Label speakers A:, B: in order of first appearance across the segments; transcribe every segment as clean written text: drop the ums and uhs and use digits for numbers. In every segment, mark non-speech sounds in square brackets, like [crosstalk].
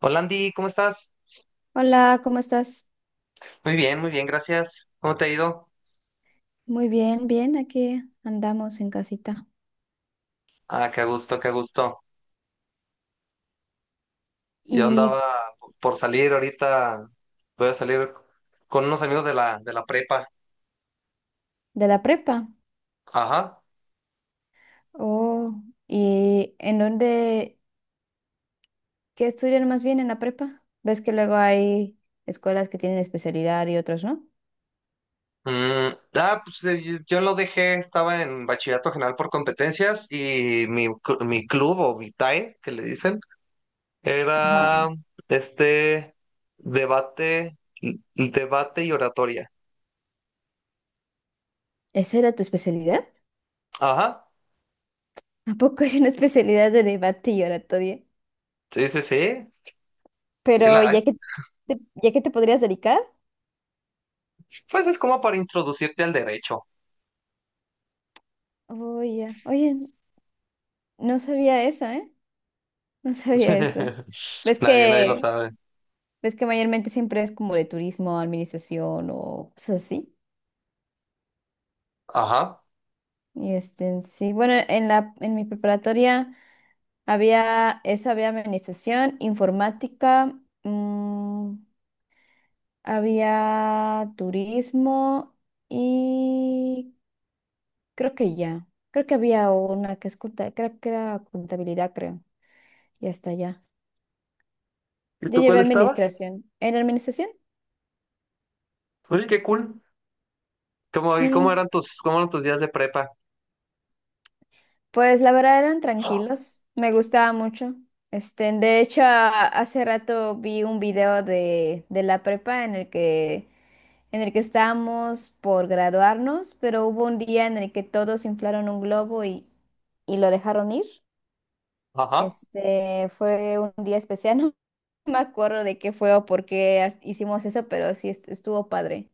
A: Hola Andy, ¿cómo estás?
B: Hola, ¿cómo estás?
A: Muy bien, gracias. ¿Cómo te ha ido?
B: Muy bien, bien, aquí andamos en casita.
A: Ah, qué gusto, qué gusto. Yo
B: ¿Y
A: andaba por salir ahorita, voy a salir con unos amigos de la prepa.
B: de la prepa?
A: Ajá.
B: Oh, ¿y en dónde, qué estudian más bien en la prepa? ¿Ves que luego hay escuelas que tienen especialidad y otras no?
A: Yo lo dejé, estaba en bachillerato general por competencias y mi club o mi TAE, que le dicen, era
B: Ajá.
A: este debate, debate y oratoria.
B: ¿Esa era tu especialidad?
A: Ajá.
B: ¿A poco hay una especialidad de debate y oratoria?
A: Sí, sí, sí. Sí la
B: Pero
A: hay.
B: ya que te podrías dedicar.
A: Pues es como para introducirte al derecho.
B: Oye, oye, no sabía eso, ¿eh? No sabía eso.
A: [laughs]
B: ¿Ves
A: Nadie, nadie lo
B: que...
A: sabe.
B: Ves que mayormente siempre es como de turismo, administración o cosas así.
A: Ajá.
B: Y este, sí, bueno, en mi preparatoria había eso, había administración, informática, mm, había turismo y creo que ya. Creo que había una que es creo que era contabilidad, creo. Y hasta ya.
A: ¿Y
B: Yo
A: tú
B: llevé
A: cuál estabas?
B: administración. ¿En administración?
A: Oye, qué cool. ¿Cómo, y
B: Sí.
A: cómo eran tus días de prepa?
B: Pues la verdad eran tranquilos, me gustaba mucho. Este, de hecho, hace rato vi un video de la prepa en el que estábamos por graduarnos, pero hubo un día en el que todos inflaron un globo y lo dejaron ir.
A: Ajá.
B: Este, fue un día especial, [laughs] no me acuerdo de qué fue o por qué hicimos eso, pero sí estuvo padre.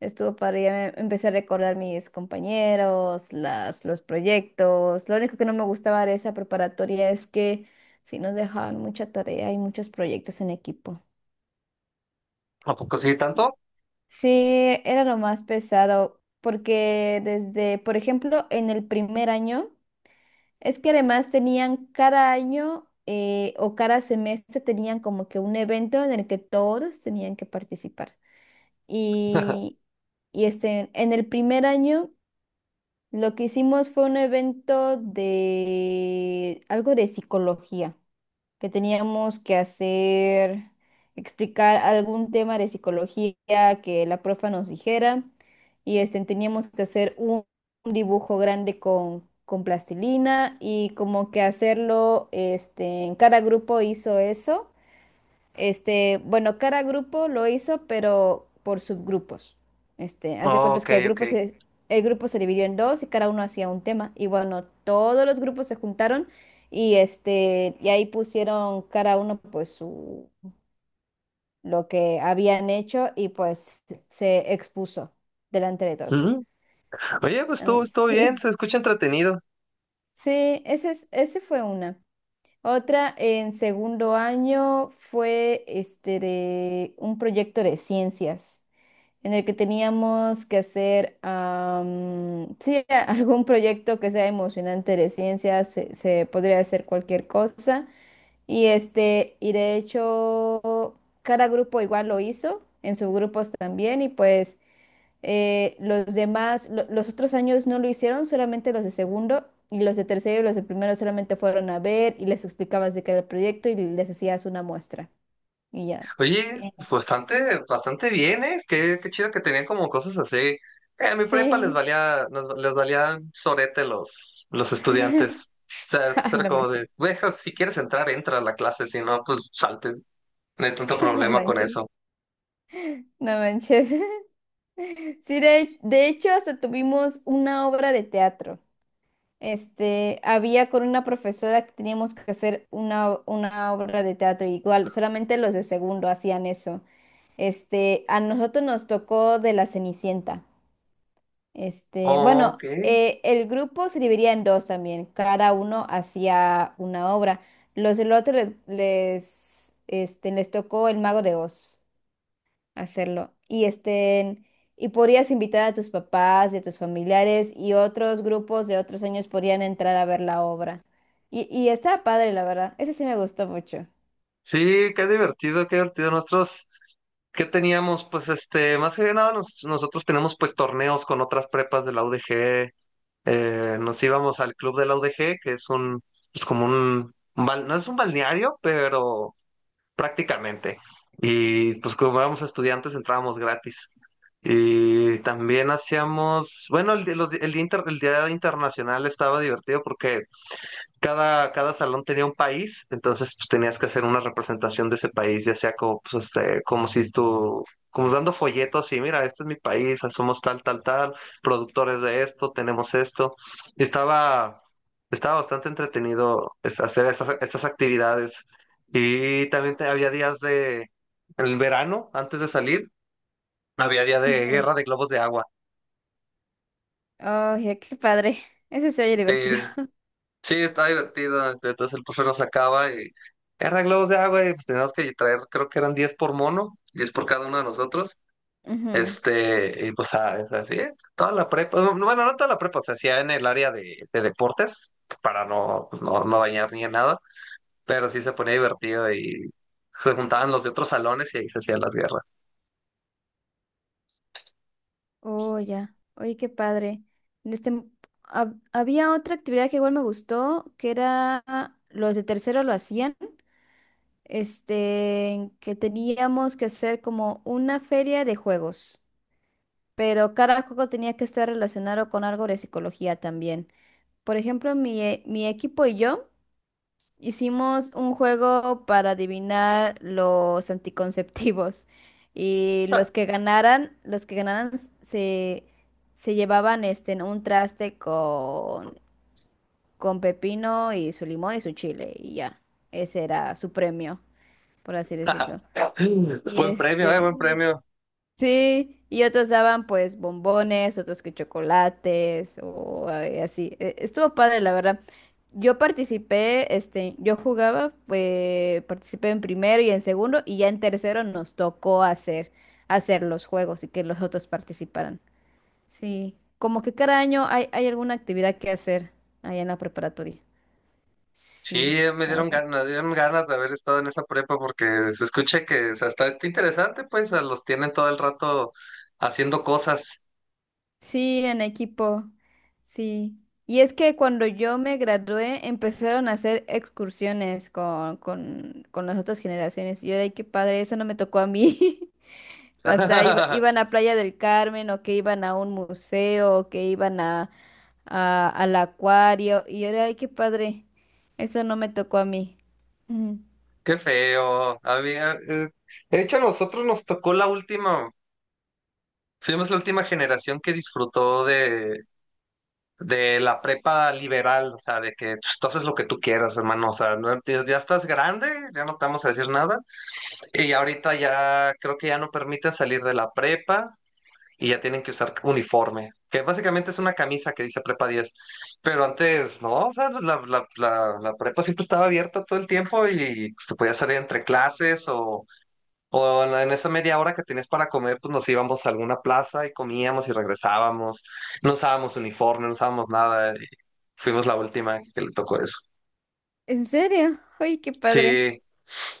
B: Estuvo padre, ya me empecé a recordar mis compañeros, las, los proyectos. Lo único que no me gustaba de esa preparatoria es que sí nos dejaban mucha tarea y muchos proyectos en equipo.
A: ¿A poco sí tanto?
B: Sí, era lo más pesado, porque desde, por ejemplo, en el primer año, es que además tenían cada año o cada semestre tenían como que un evento en el que todos tenían que participar.
A: [laughs]
B: Y, y este, en el primer año... Lo que hicimos fue un evento de algo de psicología, que teníamos que hacer, explicar algún tema de psicología que la profa nos dijera y este, teníamos que hacer un dibujo grande con plastilina y como que hacerlo, este, en cada grupo hizo eso este, bueno, cada grupo lo hizo, pero por subgrupos. Este, haz de
A: Oh,
B: cuentas
A: ok,
B: que el
A: ok.
B: grupo se, el grupo se dividió en dos y cada uno hacía un tema. Y bueno, todos los grupos se juntaron y este, y ahí pusieron cada uno pues su, lo que habían hecho y pues se expuso delante de todos.
A: Ujú. Oye, pues estuvo,
B: Mm,
A: estuvo bien,
B: sí,
A: se escucha entretenido.
B: sí, ese es, ese fue una. Otra en segundo año fue este de un proyecto de ciencias en el que teníamos que hacer sí, [laughs] algún proyecto que sea emocionante de ciencia, se podría hacer cualquier cosa. Y este, y de hecho, cada grupo igual lo hizo, en sus grupos también, y pues los demás, los otros años no lo hicieron, solamente los de segundo. Y los de tercero y los de primero solamente fueron a ver y les explicabas de qué era el proyecto y les hacías una muestra. Y ya.
A: Oye,
B: Eh,
A: pues, bastante, bastante bien, ¿eh? Qué, qué chido que tenían como cosas así. En mi prepa les
B: sí.
A: valía, les valían sorete los
B: [laughs]
A: estudiantes. O sea, pues,
B: Ah,
A: era
B: no me
A: como de, güey, ja, si quieres entrar, entra a la clase, si no, pues salte. No hay tanto
B: [laughs] no
A: problema con
B: manches,
A: eso.
B: no manches. [laughs] Sí, de hecho, hasta tuvimos una obra de teatro. Este, había con una profesora que teníamos que hacer una obra de teatro, igual, solamente los de segundo hacían eso. Este, a nosotros nos tocó de la Cenicienta. Este,
A: Ok.
B: bueno, el grupo se dividía en dos también, cada uno hacía una obra. Los del otro les, les, este, les tocó el Mago de Oz hacerlo. Y estén, y podrías invitar a tus papás y a tus familiares y otros grupos de otros años podrían entrar a ver la obra. Y está padre, la verdad. Ese sí me gustó mucho.
A: Sí, qué divertido, qué divertido. Nosotros, ¿qué teníamos? Pues este, más que nada, nosotros tenemos pues torneos con otras prepas de la UDG. Eh, nos íbamos al club de la UDG, que es un, pues como un no es un balneario, pero prácticamente. Y pues como éramos estudiantes, entrábamos gratis. Y también hacíamos, bueno, el, di- los di- el día, el día internacional estaba divertido porque cada, cada salón tenía un país, entonces pues tenías que hacer una representación de ese país, ya sea como, pues, este, como si tú, como dando folletos y mira, este es mi país, ah, somos tal, tal, tal, productores de esto, tenemos esto. Y estaba, estaba bastante entretenido hacer esas, estas actividades. Y también había días de, en el verano, antes de salir, había día de
B: Ujú,
A: guerra de globos de agua.
B: oye, qué padre. Ese se oye
A: Sí,
B: divertido.
A: sí, está divertido. Este, entonces el profe nos sacaba y eran globos de agua y pues teníamos que traer, creo que eran 10 por mono, 10 por cada uno de nosotros.
B: [laughs] Ujú.
A: Este, y pues ah, es así, ¿eh? Toda la prepa, no, no, bueno, no toda la prepa, se hacía en el área de deportes para no, pues no, no bañar ni en nada, pero sí se ponía divertido y se juntaban los de otros salones y ahí se hacían las guerras.
B: Oh, ya. Oye, qué padre. Este, había otra actividad que igual me gustó, que era los de tercero lo hacían, este, que teníamos que hacer como una feria de juegos. Pero cada juego tenía que estar relacionado con algo de psicología también. Por ejemplo, mi equipo y yo hicimos un juego para adivinar los anticonceptivos. [laughs] Y los que ganaran se, se llevaban este, en un traste con pepino y su limón y su chile. Y ya, ese era su premio, por así decirlo.
A: [laughs]
B: Y
A: Buen premio,
B: este,
A: buen premio.
B: sí, y otros daban pues bombones, otros que chocolates o así. Estuvo padre, la verdad. Yo participé, este, yo jugaba, participé en primero y en segundo y ya en tercero nos tocó hacer, hacer los juegos y que los otros participaran. Sí, como que cada año hay, hay alguna actividad que hacer allá en la preparatoria.
A: Sí,
B: Sí, cada
A: me dieron ganas de haber estado en esa prepa porque se escucha que o sea, está interesante, pues a los tienen todo el rato haciendo cosas.
B: sí, en equipo, sí. Y es que cuando yo me gradué empezaron a hacer excursiones con las otras generaciones. Y yo, ay, qué padre, eso no me tocó a mí. [laughs] Hasta
A: [laughs]
B: iban a Playa del Carmen o que iban a un museo o que iban a, al acuario. Y yo, ay, qué padre, eso no me tocó a mí. Ujú.
A: Qué feo. A mí, de hecho, a nosotros nos tocó la última, fuimos la última generación que disfrutó de la prepa liberal, o sea, de que pues, tú haces lo que tú quieras, hermano, o sea, ya ya estás grande, ya no te vamos a decir nada. Y ahorita ya creo que ya no permiten salir de la prepa. Y ya tienen que usar uniforme, que básicamente es una camisa que dice prepa 10, pero antes no, o sea, la prepa siempre estaba abierta todo el tiempo y se podía salir entre clases o en en esa media hora que tenías para comer, pues nos íbamos a alguna plaza y comíamos y regresábamos, no usábamos uniforme, no usábamos nada, y fuimos la última que le tocó eso.
B: ¿En serio? Ay, qué padre.
A: Sí,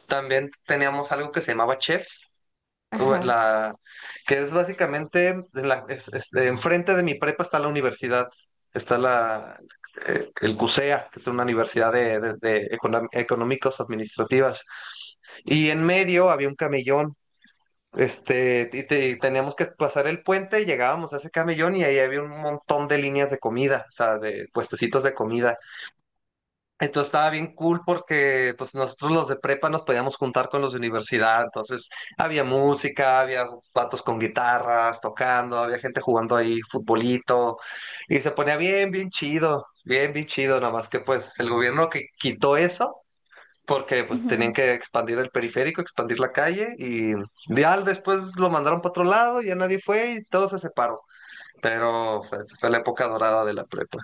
A: también teníamos algo que se llamaba chefs. u-
B: Ajá.
A: la, que es básicamente de de enfrente de mi prepa está la universidad, está la, el CUSEA, que es una universidad de, de económicos administrativas, y en medio había un camellón. Este, y, y teníamos que pasar el puente y llegábamos a ese camellón y ahí había un montón de líneas de comida, o sea, de puestecitos de comida. Entonces estaba bien cool porque pues nosotros los de prepa nos podíamos juntar con los de universidad, entonces había música, había patos con guitarras tocando, había gente jugando ahí futbolito y se ponía bien, bien chido, nada más que pues el gobierno que quitó eso porque pues tenían que expandir el periférico, expandir la calle y ya después lo mandaron para otro lado, ya nadie fue y todo se separó, pero pues, fue la época dorada de la prepa.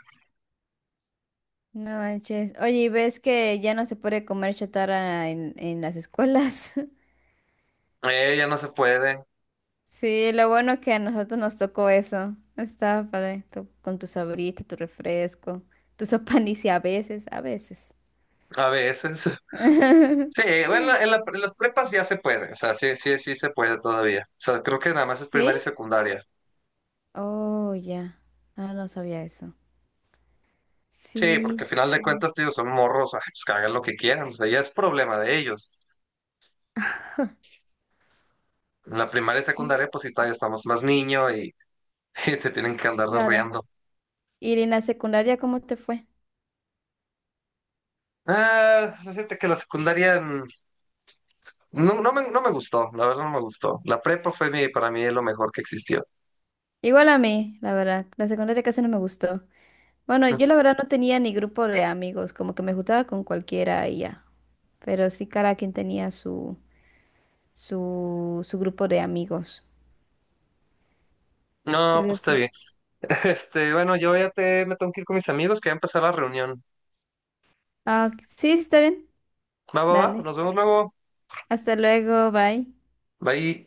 B: No manches. Oye, ¿y ves que ya no se puede comer chatarra en las escuelas? [laughs]
A: Ya no se puede
B: Sí, lo bueno que a nosotros nos tocó eso. Estaba padre, con tu sabrita, tu refresco, tu sopanicia [laughs] a veces, a veces.
A: a veces. Sí,
B: [laughs]
A: bueno, en, en las prepas ya se puede, o sea, sí, sí, sí se puede todavía. O sea, creo que nada más es primaria y
B: ¿Sí?
A: secundaria.
B: Oh, ya. Ah, no sabía eso.
A: Sí, porque
B: Sí.
A: al final de cuentas, tío, son morros, ay, pues que hagan lo que quieran, o sea, ya es problema de ellos. En la primaria y
B: Mm,
A: secundaria, pues sí, todavía estamos más niños y, [laughs] y te tienen que andar
B: claro.
A: riendo.
B: ¿Y en la secundaria cómo te fue?
A: Ah, fíjate que la secundaria no, no me, no me gustó, la verdad no me gustó. La prepa fue mi, para mí lo mejor que existió.
B: Igual a mí, la verdad. La secundaria casi no me gustó. Bueno,
A: Mm,
B: yo la verdad no tenía ni grupo de amigos, como que me juntaba con cualquiera y ya. Pero sí cada quien tenía su, su, su grupo de amigos.
A: no,
B: Pero
A: pues está
B: sí.
A: bien. [laughs] Este, bueno, yo ya te, me tengo que ir con mis amigos que va a empezar la reunión.
B: Ah, ok. Sí, sí, está bien.
A: Va, va, va,
B: Dale.
A: nos vemos luego.
B: Hasta luego, bye.
A: Bye.